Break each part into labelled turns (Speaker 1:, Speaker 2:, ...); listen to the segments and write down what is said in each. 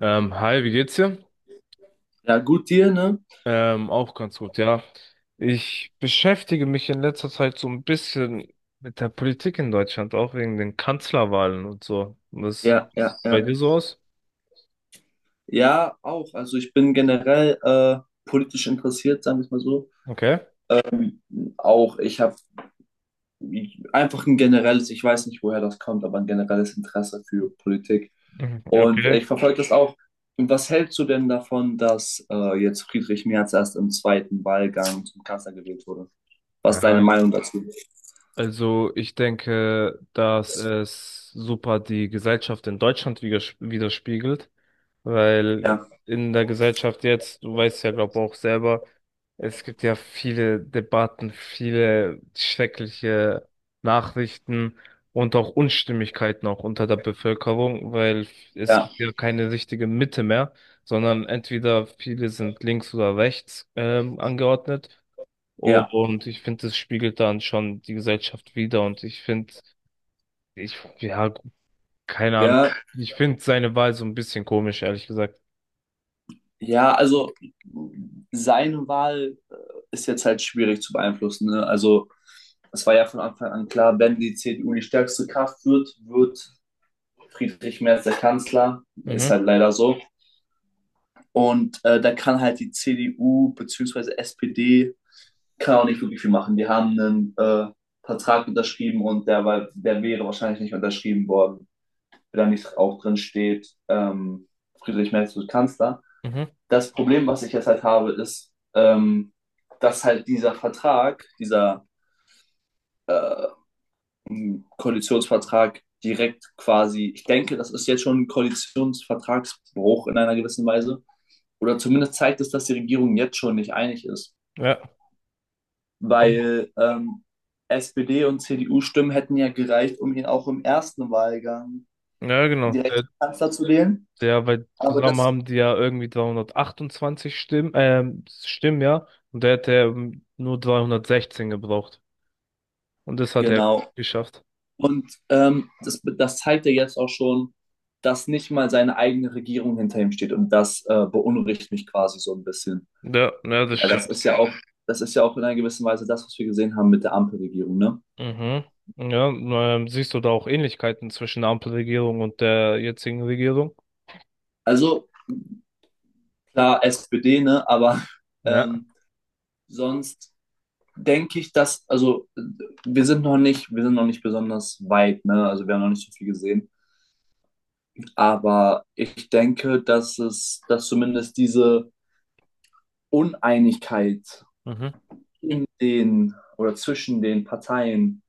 Speaker 1: Hi, wie geht's dir?
Speaker 2: Ja, gut dir, ne?
Speaker 1: Auch ganz gut, ja. Ich beschäftige mich in letzter Zeit so ein bisschen mit der Politik in Deutschland, auch wegen den Kanzlerwahlen und so. Was sieht
Speaker 2: Ja, ja,
Speaker 1: bei
Speaker 2: ja.
Speaker 1: dir so aus?
Speaker 2: Ja, auch. Also ich bin generell politisch interessiert, sagen wir es mal so.
Speaker 1: Okay.
Speaker 2: Auch ich habe einfach ein generelles, ich weiß nicht, woher das kommt, aber ein generelles Interesse für Politik.
Speaker 1: Mhm,
Speaker 2: Und
Speaker 1: Okay.
Speaker 2: ich verfolge das auch. Und was hältst du denn davon, dass jetzt Friedrich Merz erst im zweiten Wahlgang zum Kanzler gewählt wurde? Was ist deine
Speaker 1: Ja,
Speaker 2: Meinung dazu?
Speaker 1: also ich denke, dass es super die Gesellschaft in Deutschland widerspiegelt.
Speaker 2: Ja,
Speaker 1: Weil in der Gesellschaft jetzt, du weißt ja, glaube auch selber, es gibt ja viele Debatten, viele schreckliche Nachrichten und auch Unstimmigkeiten auch unter der Bevölkerung, weil es
Speaker 2: ja,
Speaker 1: gibt ja keine richtige Mitte mehr, sondern entweder viele sind links oder rechts angeordnet.
Speaker 2: ja,
Speaker 1: Und ich finde, das spiegelt dann schon die Gesellschaft wider. Und ich finde, ja, keine Ahnung,
Speaker 2: ja,
Speaker 1: ich finde seine Wahl so ein bisschen komisch, ehrlich gesagt.
Speaker 2: ja. Also seine Wahl ist jetzt halt schwierig zu beeinflussen. Ne? Also es war ja von Anfang an klar, wenn die CDU die stärkste Kraft wird, wird Friedrich Merz der Kanzler. Ist
Speaker 1: Mhm.
Speaker 2: halt leider so. Und da kann halt die CDU bzw. SPD kann auch nicht wirklich viel machen. Die haben einen Vertrag unterschrieben, und der wäre wahrscheinlich nicht unterschrieben worden, wenn da nicht auch drin steht, Friedrich Merz wird Kanzler.
Speaker 1: Mhm.
Speaker 2: Das Problem, was ich jetzt halt habe, ist, dass halt dieser Vertrag, dieser äh, einen Koalitionsvertrag direkt quasi, ich denke, das ist jetzt schon ein Koalitionsvertragsbruch in einer gewissen Weise. Oder zumindest zeigt es, dass die Regierung jetzt schon nicht einig ist.
Speaker 1: Ja.
Speaker 2: Weil SPD- und CDU-Stimmen hätten ja gereicht, um ihn auch im ersten Wahlgang
Speaker 1: Ja, genau.
Speaker 2: direkt Kanzler zu wählen.
Speaker 1: Weil
Speaker 2: Aber
Speaker 1: zusammen
Speaker 2: das,
Speaker 1: haben die ja irgendwie 328 Stimmen, ja. Und der hätte nur 316 gebraucht. Und das hat er
Speaker 2: genau.
Speaker 1: geschafft.
Speaker 2: Und das zeigt ja jetzt auch schon, dass nicht mal seine eigene Regierung hinter ihm steht. Und das beunruhigt mich quasi so ein bisschen.
Speaker 1: Ja, ja, das
Speaker 2: Weil
Speaker 1: stimmt.
Speaker 2: das ist ja auch in einer gewissen Weise das, was wir gesehen haben mit der Ampelregierung, ne?
Speaker 1: Mhm. Ja, siehst du da auch Ähnlichkeiten zwischen der Ampelregierung und der jetzigen Regierung?
Speaker 2: Also klar, SPD, ne? Aber
Speaker 1: Ja.
Speaker 2: ähm, sonst denke ich, dass, also wir sind noch nicht besonders weit, ne? Also wir haben noch nicht so viel gesehen. Aber ich denke, dass zumindest diese Uneinigkeit
Speaker 1: Mhm.
Speaker 2: in den oder zwischen den Parteien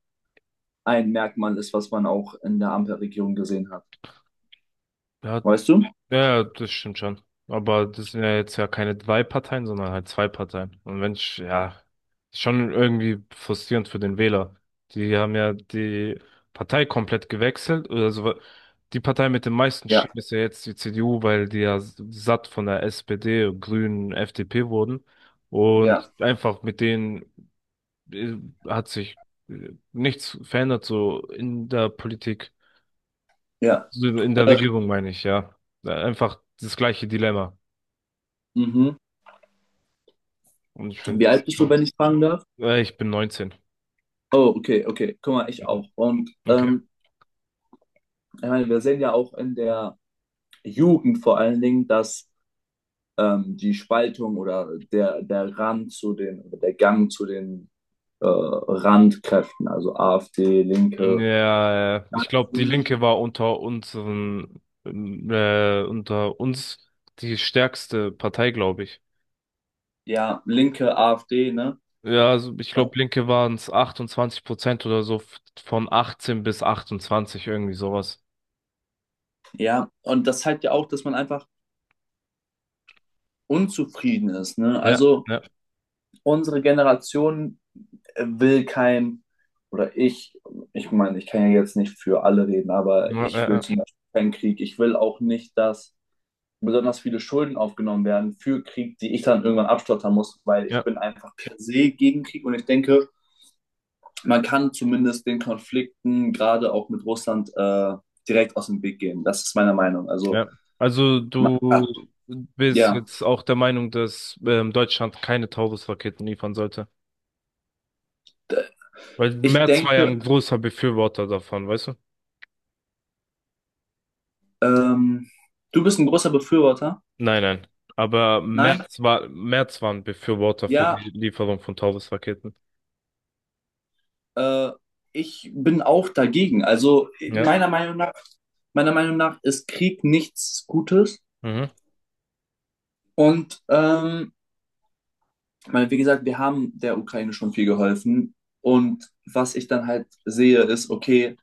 Speaker 2: ein Merkmal ist, was man auch in der Ampelregierung gesehen hat.
Speaker 1: Ja,
Speaker 2: Weißt du?
Speaker 1: Ja, ja, das stimmt schon. Aber das sind ja jetzt ja keine drei Parteien, sondern halt zwei Parteien. Und wenn ich, ja, ist schon irgendwie frustrierend für den Wähler. Die haben ja die Partei komplett gewechselt. Oder so. Die Partei mit den meisten
Speaker 2: Ja,
Speaker 1: Stimmen ist ja jetzt die CDU, weil die ja satt von der SPD, Grünen, FDP wurden.
Speaker 2: ja,
Speaker 1: Und einfach mit denen äh, hat sich nichts verändert, so in der Politik,
Speaker 2: ja.
Speaker 1: so in der
Speaker 2: Äh,
Speaker 1: Regierung meine ich, ja. Einfach das gleiche Dilemma.
Speaker 2: mhm.
Speaker 1: Und ich finde
Speaker 2: Wie
Speaker 1: das
Speaker 2: alt bist du,
Speaker 1: schon.
Speaker 2: wenn ich fragen darf?
Speaker 1: Ich bin 19.
Speaker 2: Oh, okay, okay. Guck mal, ich auch. Und
Speaker 1: Okay.
Speaker 2: ich meine, wir sehen ja auch in der Jugend vor allen Dingen, dass die Spaltung oder der Rand zu den, oder der Gang zu den Randkräften, also AfD, Linke,
Speaker 1: Ja,
Speaker 2: das
Speaker 1: ich glaube, die
Speaker 2: zunimmt.
Speaker 1: Linke war unter uns die stärkste Partei, glaube ich.
Speaker 2: Ja, Linke, AfD, ne?
Speaker 1: Ja, also ich glaube, Linke waren es 28% oder so von 18 bis 28, irgendwie sowas.
Speaker 2: Ja, und das zeigt ja auch, dass man einfach unzufrieden ist, ne?
Speaker 1: Ja,
Speaker 2: Also
Speaker 1: ja,
Speaker 2: unsere Generation will kein, oder ich meine, ich kann ja jetzt nicht für alle reden, aber
Speaker 1: ja,
Speaker 2: ich
Speaker 1: ja,
Speaker 2: will
Speaker 1: ja.
Speaker 2: zum Beispiel keinen Krieg. Ich will auch nicht, dass besonders viele Schulden aufgenommen werden für Krieg, die ich dann irgendwann abstottern muss, weil ich
Speaker 1: Ja.
Speaker 2: bin einfach per se gegen Krieg, und ich denke, man kann zumindest den Konflikten, gerade auch mit Russland, direkt aus dem Weg gehen. Das ist meine Meinung. Also,
Speaker 1: Ja. Also
Speaker 2: ah,
Speaker 1: du bist
Speaker 2: ja,
Speaker 1: jetzt auch der Meinung, dass Deutschland keine Taurus-Raketen liefern sollte.
Speaker 2: d-
Speaker 1: Weil
Speaker 2: ich
Speaker 1: Merz war ja
Speaker 2: denke,
Speaker 1: ein großer Befürworter davon, weißt du?
Speaker 2: ähm, du bist ein großer Befürworter.
Speaker 1: Nein, nein. Aber
Speaker 2: Nein?
Speaker 1: Merz war ein Befürworter für die
Speaker 2: Ja.
Speaker 1: Lieferung von Taurus-Raketen.
Speaker 2: Äh, Ich bin auch dagegen. Also
Speaker 1: Ja.
Speaker 2: meiner Meinung nach, meiner Meinung nach ist Krieg nichts Gutes.
Speaker 1: Mhm.
Speaker 2: Und ich, wie gesagt, wir haben der Ukraine schon viel geholfen. Und was ich dann halt sehe, ist, okay,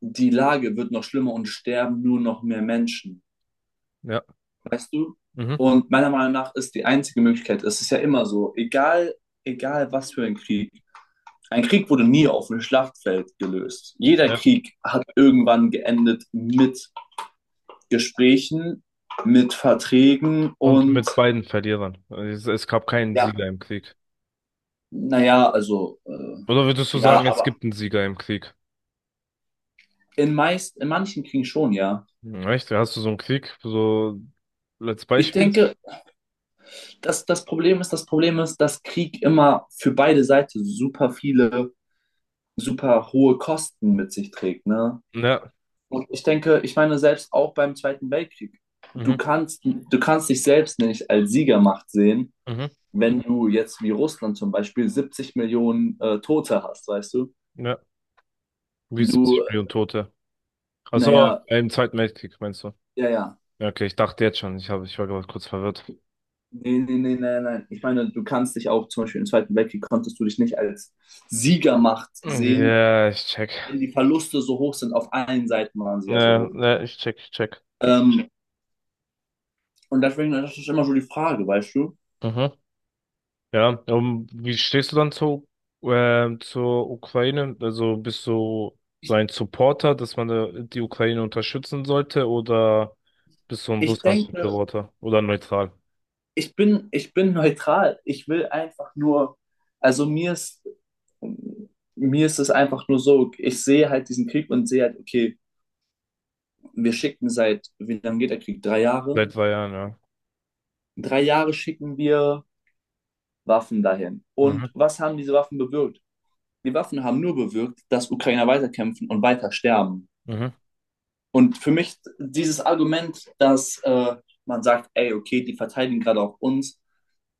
Speaker 2: die Lage wird noch schlimmer und sterben nur noch mehr Menschen.
Speaker 1: Ja.
Speaker 2: Weißt du?
Speaker 1: Mhm.
Speaker 2: Und meiner Meinung nach ist die einzige Möglichkeit, es ist ja immer so, egal was für ein Krieg wurde nie auf dem Schlachtfeld gelöst. Jeder
Speaker 1: Ja.
Speaker 2: Krieg hat irgendwann geendet mit Gesprächen, mit Verträgen,
Speaker 1: Und
Speaker 2: und
Speaker 1: mit beiden Verlierern. Es gab keinen
Speaker 2: ja,
Speaker 1: Sieger im Krieg.
Speaker 2: naja, also,
Speaker 1: Oder würdest du
Speaker 2: ja,
Speaker 1: sagen, es
Speaker 2: aber
Speaker 1: gibt einen Sieger im Krieg?
Speaker 2: in manchen Kriegen schon, ja.
Speaker 1: Hm, echt? Hast du so einen Krieg? So als
Speaker 2: Ich
Speaker 1: Beispiel?
Speaker 2: denke, das Problem ist, dass Krieg immer für beide Seiten super hohe Kosten mit sich trägt, ne?
Speaker 1: Ja.
Speaker 2: Und ich denke, ich meine, selbst auch beim Zweiten Weltkrieg, du
Speaker 1: Mhm.
Speaker 2: kannst, du kannst dich selbst nicht als Siegermacht sehen,
Speaker 1: Mhm.
Speaker 2: wenn du jetzt wie Russland zum Beispiel 70 Millionen Tote hast, weißt du?
Speaker 1: Ja. Wie 70
Speaker 2: Du
Speaker 1: Millionen Tote. Also
Speaker 2: Naja,
Speaker 1: im Zweiten Weltkrieg, meinst du?
Speaker 2: ja, ja, ja.
Speaker 1: Ja, okay, ich dachte jetzt schon, ich war gerade kurz verwirrt.
Speaker 2: Nee, nee, nee, nein, nein. Ich meine, du kannst dich auch zum Beispiel im Zweiten Weltkrieg, konntest du dich nicht als Siegermacht sehen,
Speaker 1: Ja, ich check.
Speaker 2: wenn die Verluste so hoch sind. Auf allen Seiten waren sie ja so
Speaker 1: Ne,
Speaker 2: hoch.
Speaker 1: ne, ich check, ich check.
Speaker 2: Ähm, und deswegen, das ist immer so die Frage, weißt du?
Speaker 1: Mhm. Ja, und wie stehst du dann zur Ukraine? Also bist du so
Speaker 2: Ich,
Speaker 1: ein Supporter, dass man da die Ukraine unterstützen sollte, oder bist du ein
Speaker 2: ich denke,
Speaker 1: Russland-Befürworter oder neutral?
Speaker 2: ich bin neutral. Ich will einfach nur, also mir ist es einfach nur so, ich sehe halt diesen Krieg und sehe halt, okay, wir schicken seit, wie lange geht der Krieg? 3 Jahre?
Speaker 1: Seit 2 Jahren, ja.
Speaker 2: 3 Jahre schicken wir Waffen dahin. Und
Speaker 1: Mhm,
Speaker 2: was haben diese Waffen bewirkt? Die Waffen haben nur bewirkt, dass Ukrainer weiterkämpfen und weiter sterben.
Speaker 1: mhm,
Speaker 2: Und für mich dieses Argument, dass man sagt, ey, okay, die verteidigen gerade auch uns,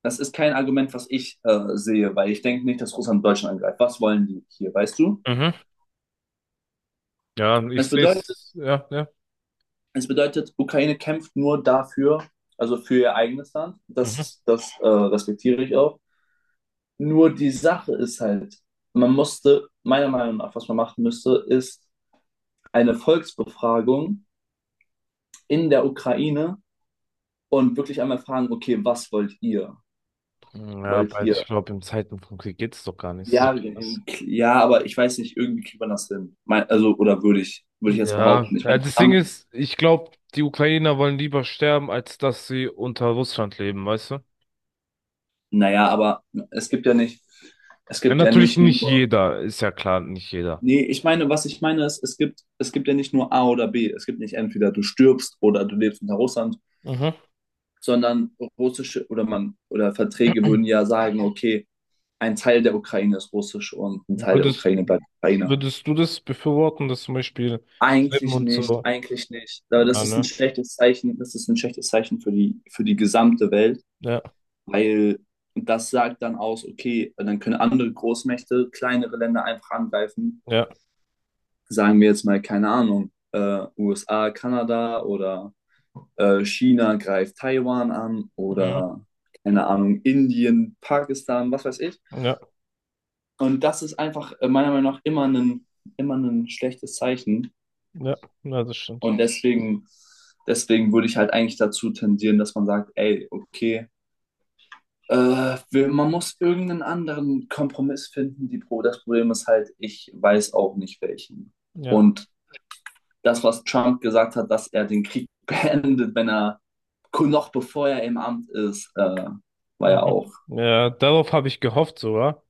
Speaker 2: das ist kein Argument, was ich sehe, weil ich denke nicht, dass Russland Deutschland angreift. Was wollen die hier, weißt du?
Speaker 1: mhm. Ja, ich
Speaker 2: Es
Speaker 1: sehe
Speaker 2: bedeutet,
Speaker 1: es, ja, ja.
Speaker 2: es bedeutet, Ukraine kämpft nur dafür, also für ihr eigenes Land.
Speaker 1: Mhm.
Speaker 2: Das respektiere ich auch. Nur die Sache ist halt, meiner Meinung nach, was man machen müsste, ist eine Volksbefragung in der Ukraine, und wirklich einmal fragen, okay, was wollt ihr?
Speaker 1: Ja,
Speaker 2: Wollt
Speaker 1: aber
Speaker 2: ihr?
Speaker 1: ich glaube, in Zeiten von Krieg geht es doch gar nicht so.
Speaker 2: Ja, ja, aber ich weiß nicht, irgendwie kriegt man das hin. Also, oder würde ich jetzt
Speaker 1: Ja,
Speaker 2: behaupten. Ich
Speaker 1: ja,
Speaker 2: meine,
Speaker 1: das Ding
Speaker 2: Trump,
Speaker 1: ist, ich glaube, die Ukrainer wollen lieber sterben, als dass sie unter Russland leben, weißt du?
Speaker 2: naja, aber es gibt ja nicht, es
Speaker 1: Ja,
Speaker 2: gibt ja
Speaker 1: natürlich
Speaker 2: nicht,
Speaker 1: nicht
Speaker 2: nur,
Speaker 1: jeder, ist ja klar, nicht jeder.
Speaker 2: nee, ich meine, was ich meine ist, es gibt ja nicht nur A oder B. Es gibt nicht entweder du stirbst oder du lebst unter Russland,
Speaker 1: Mhm.
Speaker 2: sondern oder Verträge würden ja sagen, okay, ein Teil der Ukraine ist russisch und ein Teil der
Speaker 1: Würdest,
Speaker 2: Ukraine bleibt Ukraine.
Speaker 1: würdest du das befürworten, dass zum Beispiel Slim
Speaker 2: Eigentlich
Speaker 1: und
Speaker 2: nicht,
Speaker 1: so,
Speaker 2: eigentlich nicht. Aber
Speaker 1: ja,
Speaker 2: das ist ein
Speaker 1: ne?
Speaker 2: schlechtes Zeichen, das ist ein schlechtes Zeichen für die gesamte Welt,
Speaker 1: Ja,
Speaker 2: weil das sagt dann aus, okay, dann können andere Großmächte kleinere Länder einfach angreifen.
Speaker 1: ja,
Speaker 2: Sagen wir jetzt mal, keine Ahnung, USA, Kanada oder China greift Taiwan an
Speaker 1: mhm.
Speaker 2: oder keine Ahnung, Indien, Pakistan, was weiß ich.
Speaker 1: Ja,
Speaker 2: Und das ist einfach meiner Meinung nach immer ein schlechtes Zeichen.
Speaker 1: ja, ja, das stimmt.
Speaker 2: Und deswegen, deswegen würde ich halt eigentlich dazu tendieren, dass man sagt, ey, okay, man muss irgendeinen anderen Kompromiss finden. Das Problem ist halt, ich weiß auch nicht welchen.
Speaker 1: Ja,
Speaker 2: Und das, was Trump gesagt hat, dass er den Krieg beendet, wenn er noch bevor er im Amt ist, war ja
Speaker 1: mhm.
Speaker 2: auch,
Speaker 1: Ja, darauf habe ich gehofft sogar,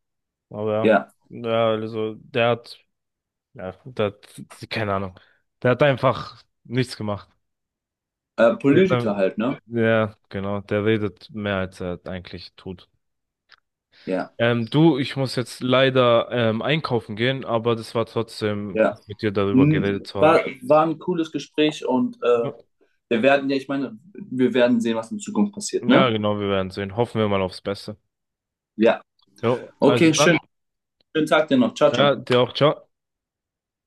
Speaker 1: aber
Speaker 2: ja,
Speaker 1: ja, also der hat, ja, der hat, keine Ahnung, der hat einfach nichts gemacht. Der,
Speaker 2: Politiker halt, ne?
Speaker 1: ja, genau, der redet mehr als er eigentlich tut.
Speaker 2: Ja,
Speaker 1: Du, ich muss jetzt leider einkaufen gehen, aber das war trotzdem
Speaker 2: ja.
Speaker 1: cool, mit dir darüber
Speaker 2: Hm,
Speaker 1: geredet zu haben.
Speaker 2: War ein cooles Gespräch, und
Speaker 1: Ja,
Speaker 2: wir werden, ja, ich meine, wir werden sehen, was in Zukunft passiert,
Speaker 1: Ja,
Speaker 2: ne?
Speaker 1: genau, wir werden sehen. Hoffen wir mal aufs Beste.
Speaker 2: Ja.
Speaker 1: Jo, also
Speaker 2: Okay, schön.
Speaker 1: dann.
Speaker 2: Schönen Tag dir noch. Ciao,
Speaker 1: Ja,
Speaker 2: ciao.
Speaker 1: dir auch, ciao.